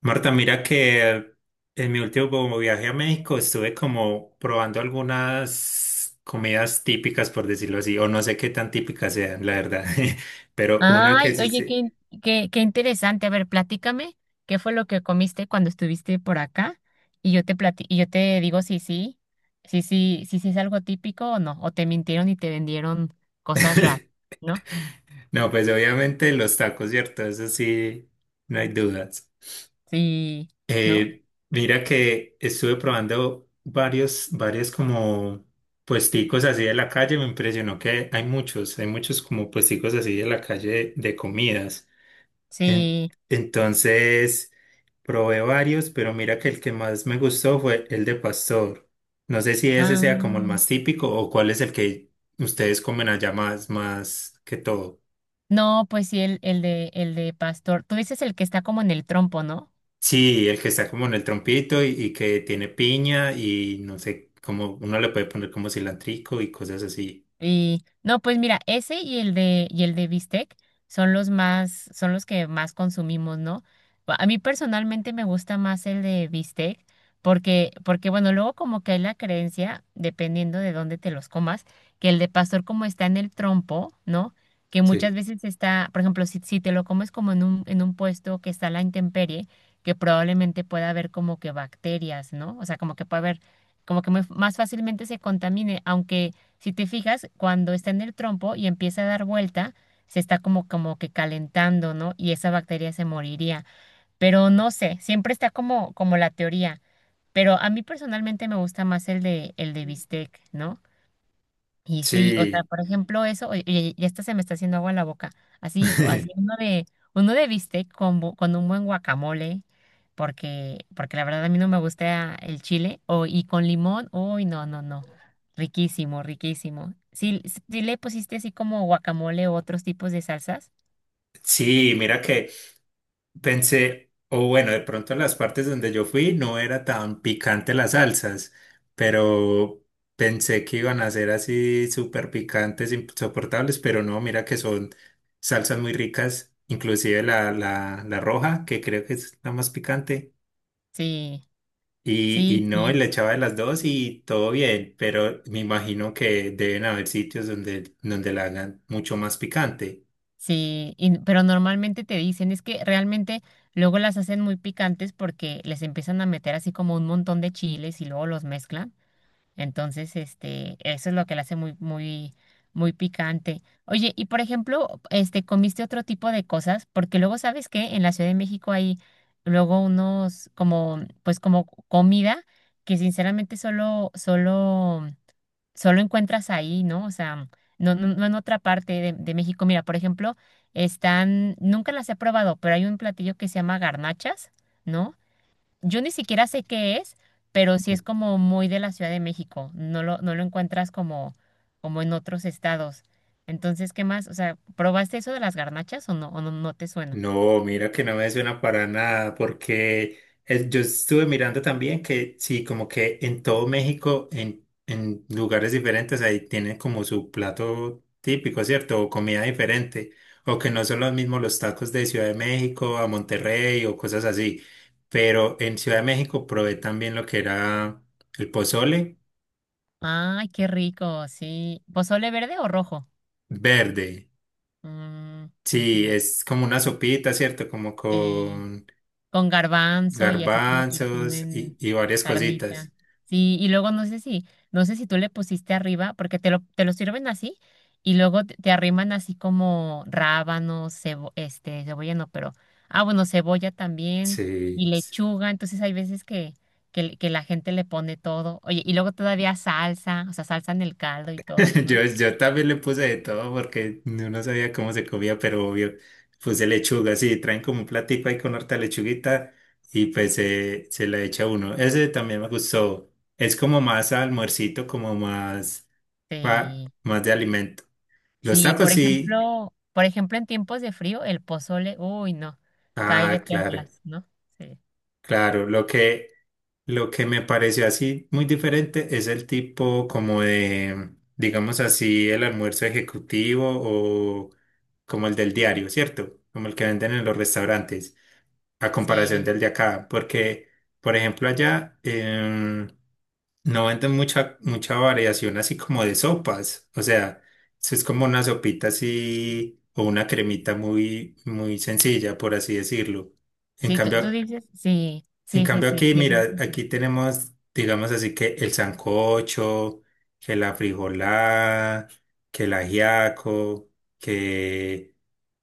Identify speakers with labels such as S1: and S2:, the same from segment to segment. S1: Marta, mira que en mi último viaje a México estuve como probando algunas comidas típicas, por decirlo así, o no sé qué tan típicas sean, la verdad, pero una que
S2: Ay,
S1: sí,
S2: oye, qué,
S1: sí.
S2: qué interesante. A ver, platícame, ¿qué fue lo que comiste cuando estuviste por acá? Y y yo te digo si sí, si sí, si sí es algo típico o no, o te mintieron y te vendieron cosas raras, ¿no?
S1: No, pues obviamente los tacos, ¿cierto? Eso sí, no hay dudas.
S2: Sí, ¿no?
S1: Eh, mira que estuve probando varios como puesticos así de la calle, me impresionó que hay muchos, como puesticos así de la calle de comidas. En-
S2: Sí.
S1: entonces, probé varios, pero mira que el que más me gustó fue el de pastor. No sé si ese sea como el
S2: Ah,
S1: más típico o cuál es el que ustedes comen allá más, más que todo.
S2: no, pues sí, el de pastor. Tú dices el que está como en el trompo, ¿no?
S1: Sí, el que está como en el trompito y que tiene piña y no sé, como uno le puede poner como cilantrico y cosas así.
S2: Y no, pues mira, ese y el de bistec son los más son los que más consumimos, ¿no? A mí personalmente me gusta más el de bistec porque bueno, luego como que hay la creencia, dependiendo de dónde te los comas, que el de pastor como está en el trompo, ¿no? Que muchas
S1: Sí.
S2: veces está, por ejemplo, si te lo comes como en un puesto que está a la intemperie, que probablemente pueda haber como que bacterias, ¿no? O sea, como que puede haber como que más fácilmente se contamine, aunque si te fijas, cuando está en el trompo y empieza a dar vuelta, se está como, como que calentando, ¿no? Y esa bacteria se moriría. Pero no sé, siempre está como, como la teoría. Pero a mí personalmente me gusta más el de bistec, ¿no? Y sí, o sea,
S1: Sí.
S2: por ejemplo, eso, oye, ya hasta se me está haciendo agua en la boca. Así, o así uno de bistec con, con un buen guacamole, porque la verdad a mí no me gusta el chile, o, y con limón, uy, no, no, no. Riquísimo, riquísimo. Sí, sí le pusiste así como guacamole o otros tipos de salsas.
S1: Sí, mira que pensé, o bueno, de pronto en las partes donde yo fui no era tan picante las salsas, pero pensé que iban a ser así súper picantes, insoportables, pero no, mira que son salsas muy ricas, inclusive la roja, que creo que es la más picante,
S2: Sí,
S1: y
S2: sí,
S1: no, y le
S2: sí,
S1: echaba de las dos y todo bien, pero me imagino que deben haber sitios donde, donde la hagan mucho más picante.
S2: sí. Pero normalmente te dicen, es que realmente luego las hacen muy picantes porque les empiezan a meter así como un montón de chiles y luego los mezclan. Entonces, este, eso es lo que la hace muy, muy, muy picante. Oye, y por ejemplo, este, ¿comiste otro tipo de cosas? Porque luego, ¿sabes qué? En la Ciudad de México hay luego unos como, pues como comida que sinceramente solo, solo, solo encuentras ahí, ¿no? O sea, no, no en otra parte de México. Mira, por ejemplo, están, nunca las he probado, pero hay un platillo que se llama garnachas, ¿no? Yo ni siquiera sé qué es, pero sí es como muy de la Ciudad de México. No lo encuentras como, como en otros estados. Entonces, ¿qué más? O sea, ¿probaste eso de las garnachas o no, no te suena?
S1: No, mira que no me suena para nada, porque yo estuve mirando también que sí, como que en todo México, en lugares diferentes, ahí tienen como su plato típico, ¿cierto? O comida diferente, o que no son los mismos los tacos de Ciudad de México a Monterrey o cosas así. Pero en Ciudad de México probé también lo que era el pozole
S2: Ay, qué rico, sí. ¿Pozole verde o rojo?
S1: verde.
S2: Mm,
S1: Sí,
S2: ujú,
S1: es como una sopita, ¿cierto? Como
S2: sí.
S1: con
S2: Con garbanzo y así como que le
S1: garbanzos y
S2: ponen
S1: y varias
S2: carnita.
S1: cositas.
S2: Sí, y luego no sé si, no sé si tú le pusiste arriba, porque te lo sirven así, y luego te arriman así como rábano, cebo, este, cebolla no, pero, ah, bueno, cebolla también, y
S1: Sí,
S2: lechuga, entonces hay veces que, que la gente le pone todo, oye, y luego todavía salsa, o sea, salsa en el caldo y todo, ¿no?
S1: yo también le puse de todo porque no sabía cómo se comía, pero obvio, puse lechuga, sí, traen como un platico ahí con harta lechuguita y pues se la echa uno. Ese también me gustó, es como más almuercito, como más,
S2: Sí.
S1: más de alimento. Los
S2: Sí,
S1: tacos sí,
S2: por ejemplo, en tiempos de frío, el pozole, uy, no, cae de
S1: ah, claro,
S2: perlas, ¿no? Sí,
S1: claro, lo que... Lo que me pareció así muy diferente es el tipo como de, digamos así, el almuerzo ejecutivo o como el del diario, ¿cierto? Como el que venden en los restaurantes, a comparación
S2: sí,
S1: del de acá, porque, por ejemplo, allá no venden mucha, mucha variación así como de sopas, o sea, eso es como una sopita así o una cremita muy, muy sencilla, por así decirlo. En
S2: sí, tú
S1: cambio,
S2: dices, sí, sí, sí, sí,
S1: aquí,
S2: sí, es muy
S1: mira,
S2: sencillo.
S1: aquí tenemos, digamos así, que el sancocho, que la frijolada, que el ajiaco, que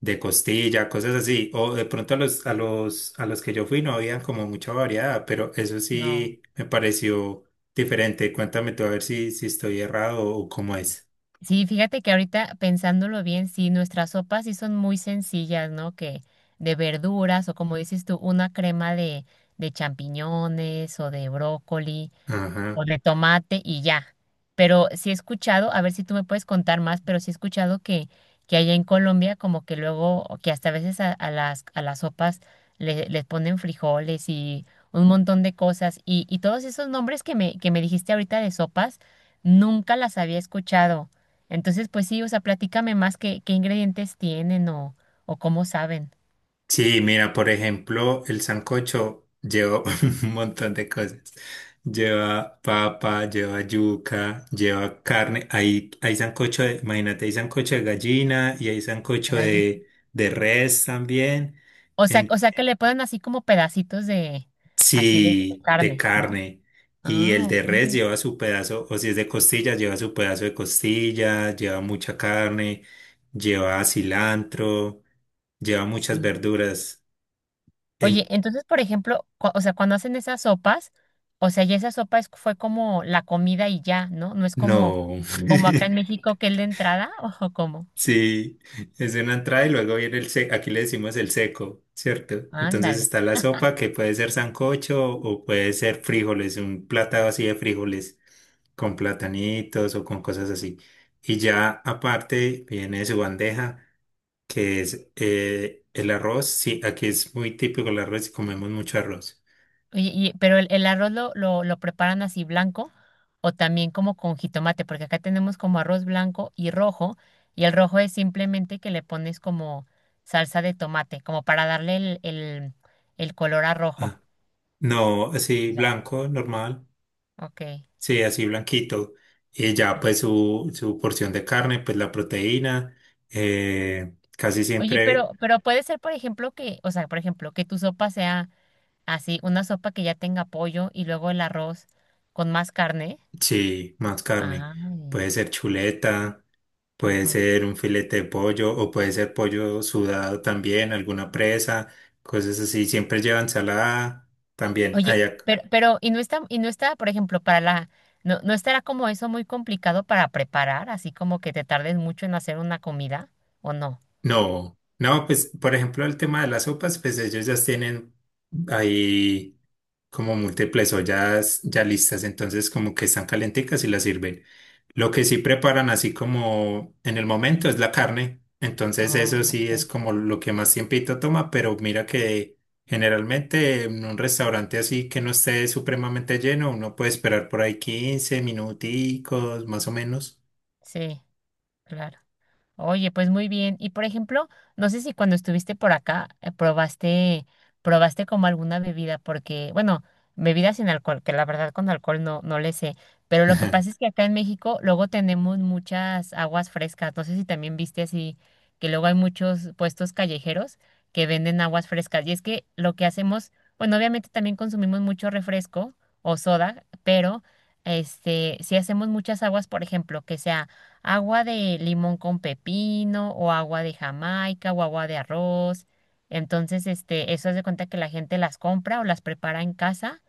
S1: de costilla, cosas así. O de pronto a los, a los que yo fui no habían como mucha variedad, pero eso
S2: No.
S1: sí me pareció diferente. Cuéntame tú a ver si estoy errado o cómo es.
S2: Sí, fíjate que ahorita pensándolo bien, sí, nuestras sopas sí son muy sencillas, ¿no? Que de verduras o como dices tú, una crema de champiñones o de brócoli,
S1: Ajá.
S2: o de tomate y ya. Pero sí he escuchado, a ver si tú me puedes contar más, pero sí he escuchado que allá en Colombia como que luego, o que hasta a veces a las sopas les ponen frijoles y un montón de cosas. Y todos esos nombres que me dijiste ahorita de sopas, nunca las había escuchado. Entonces, pues sí, o sea, platícame más qué, qué ingredientes tienen o cómo saben.
S1: Sí, mira, por ejemplo, el sancocho lleva un montón de cosas. Lleva papa, lleva yuca, lleva carne. Hay sancocho de, imagínate, hay sancocho de gallina y hay sancocho
S2: Ahí.
S1: de res también.
S2: O
S1: En-
S2: sea que le ponen así como pedacitos de, así de
S1: sí, de
S2: carne, ¿no?
S1: carne. Y el
S2: Ah,
S1: de res
S2: ok.
S1: lleva su pedazo, o si es de costilla, lleva su pedazo de costilla, lleva mucha carne, lleva cilantro, lleva muchas
S2: Sí.
S1: verduras.
S2: Oye, entonces, por ejemplo, o sea, cuando hacen esas sopas, o sea, ya esa sopa es, fue como la comida y ya, ¿no? No es como,
S1: No.
S2: como acá en México que es la entrada, ojo, como,
S1: Sí, es una entrada y luego viene el seco, aquí le decimos el seco, ¿cierto? Entonces
S2: ándale.
S1: está la sopa que puede ser sancocho o puede ser frijoles, un platado así de frijoles con platanitos o con cosas así. Y ya aparte viene su bandeja que es el arroz. Sí, aquí es muy típico el arroz y comemos mucho arroz.
S2: Oye, y, pero el, lo preparan así blanco o también como con jitomate, porque acá tenemos como arroz blanco y rojo, y el rojo es simplemente que le pones como salsa de tomate, como para darle el color a rojo.
S1: Ah, no, así
S2: Ya.
S1: blanco, normal.
S2: Ok.
S1: Sí, así blanquito. Y ya
S2: Ujú.
S1: pues su porción de carne, pues la proteína, casi
S2: Oye,
S1: siempre,
S2: pero puede ser, por ejemplo, que, o sea, por ejemplo, que tu sopa sea así, una sopa que ya tenga pollo y luego el arroz con más carne.
S1: sí, más carne.
S2: Ay,
S1: Puede ser chuleta, puede
S2: ajá.
S1: ser un filete de pollo o puede ser pollo sudado también, alguna presa, cosas así. Siempre lleva ensalada también.
S2: Oye,
S1: Allá,
S2: pero, y no está, por ejemplo, para la, no, no estará como eso muy complicado para preparar, así como que te tardes mucho en hacer una comida, ¿o no?
S1: no, no, pues por ejemplo el tema de las sopas, pues ellos ya tienen ahí como múltiples ollas ya listas, entonces como que están calenticas y las sirven. Lo que sí preparan así como en el momento es la carne, entonces eso
S2: Oh,
S1: sí es
S2: ok.
S1: como lo que más tiempito toma, pero mira que generalmente en un restaurante así que no esté supremamente lleno, uno puede esperar por ahí 15 minuticos más o menos.
S2: Sí, claro. Oye, pues muy bien. Y por ejemplo, no sé si cuando estuviste por acá probaste, probaste como alguna bebida, porque, bueno, bebidas sin alcohol, que la verdad con alcohol no, no le sé. Pero lo que pasa es que acá en México luego tenemos muchas aguas frescas. No sé si también viste así, que luego hay muchos puestos callejeros que venden aguas frescas. Y es que lo que hacemos, bueno, obviamente también consumimos mucho refresco o soda, pero este, si hacemos muchas aguas, por ejemplo, que sea agua de limón con pepino o agua de Jamaica o agua de arroz. Entonces, este, eso hace cuenta que la gente las compra o las prepara en casa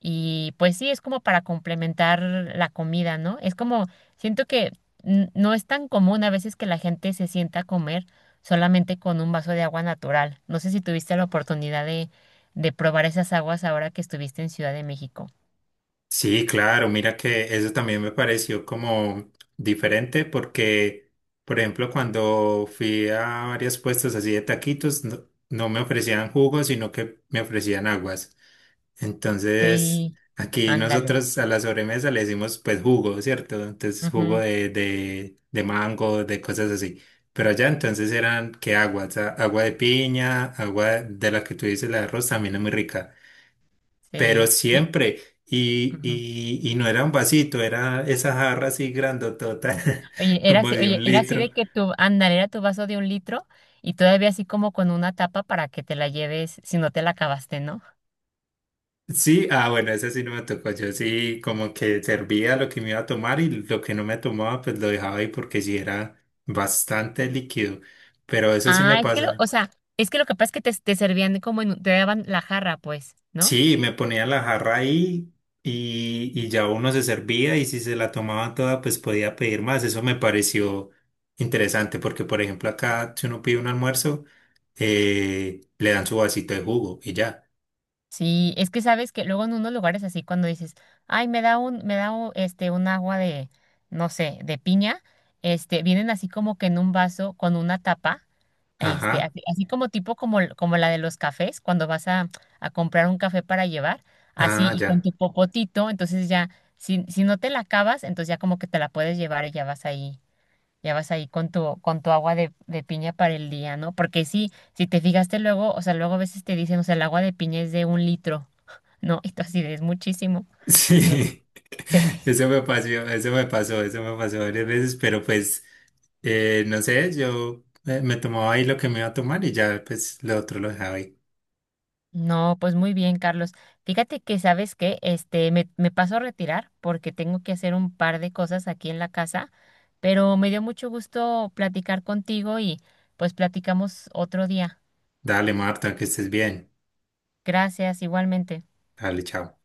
S2: y pues sí, es como para complementar la comida, ¿no? Es como, siento que no es tan común a veces que la gente se sienta a comer solamente con un vaso de agua natural. No sé si tuviste la oportunidad de probar esas aguas ahora que estuviste en Ciudad de México.
S1: Sí, claro, mira que eso también me pareció como diferente porque, por ejemplo, cuando fui a varias puestas así de taquitos, no, no me ofrecían jugos, sino que me ofrecían aguas. Entonces,
S2: Sí,
S1: aquí
S2: ándale.
S1: nosotros a la sobremesa le decimos pues jugo, ¿cierto? Entonces, jugo
S2: Ujú,
S1: de mango, de cosas así. Pero allá entonces eran que aguas, agua de piña, agua de la que tú dices, la de arroz, también es muy rica pero
S2: sí,
S1: siempre. Y,
S2: ujú.
S1: y, y no era un vasito, era esa jarra así grandotota, como de
S2: Oye,
S1: un
S2: era así de
S1: litro.
S2: que tu, ándale, era tu vaso de 1 litro y todavía así como con una tapa para que te la lleves si no te la acabaste, ¿no?
S1: Sí, ah, bueno, esa sí no me tocó. Yo sí, como que servía lo que me iba a tomar y lo que no me tomaba, pues lo dejaba ahí porque sí era bastante líquido. Pero eso sí me
S2: Ah, es que lo, o
S1: pasa.
S2: sea, es que lo que pasa es que te servían como en, te daban la jarra, pues, ¿no?
S1: Sí, me ponía la jarra ahí y ya uno se servía y si se la tomaba toda, pues podía pedir más. Eso me pareció interesante porque, por ejemplo, acá si uno pide un almuerzo, le dan su vasito de jugo y ya.
S2: Sí, es que sabes que luego en unos lugares así cuando dices, ay, me da un, este un agua de, no sé, de piña, este, vienen así como que en un vaso con una tapa, este,
S1: Ajá,
S2: así, así como tipo como, como la de los cafés, cuando vas a comprar un café para llevar, así
S1: ah,
S2: y con
S1: ya.
S2: tu popotito, entonces ya, si, si no te la acabas, entonces ya como que te la puedes llevar y ya vas ahí. Ya vas ahí con tu agua de piña para el día, ¿no? Porque sí, si te fijaste luego, o sea, luego a veces te dicen, o sea, el agua de piña es de 1 litro, ¿no? Y tú así de, es muchísimo, ¿no?
S1: Sí,
S2: Sí.
S1: eso me pasó, eso me pasó, eso me pasó varias veces, pero pues, no sé, yo me tomaba ahí lo que me iba a tomar y ya, pues, lo otro lo dejaba ahí.
S2: No, pues muy bien, Carlos. Fíjate que, ¿sabes qué? Este, me paso a retirar porque tengo que hacer un par de cosas aquí en la casa, pero me dio mucho gusto platicar contigo y pues platicamos otro día.
S1: Dale, Marta, que estés bien.
S2: Gracias, igualmente.
S1: Dale, chao.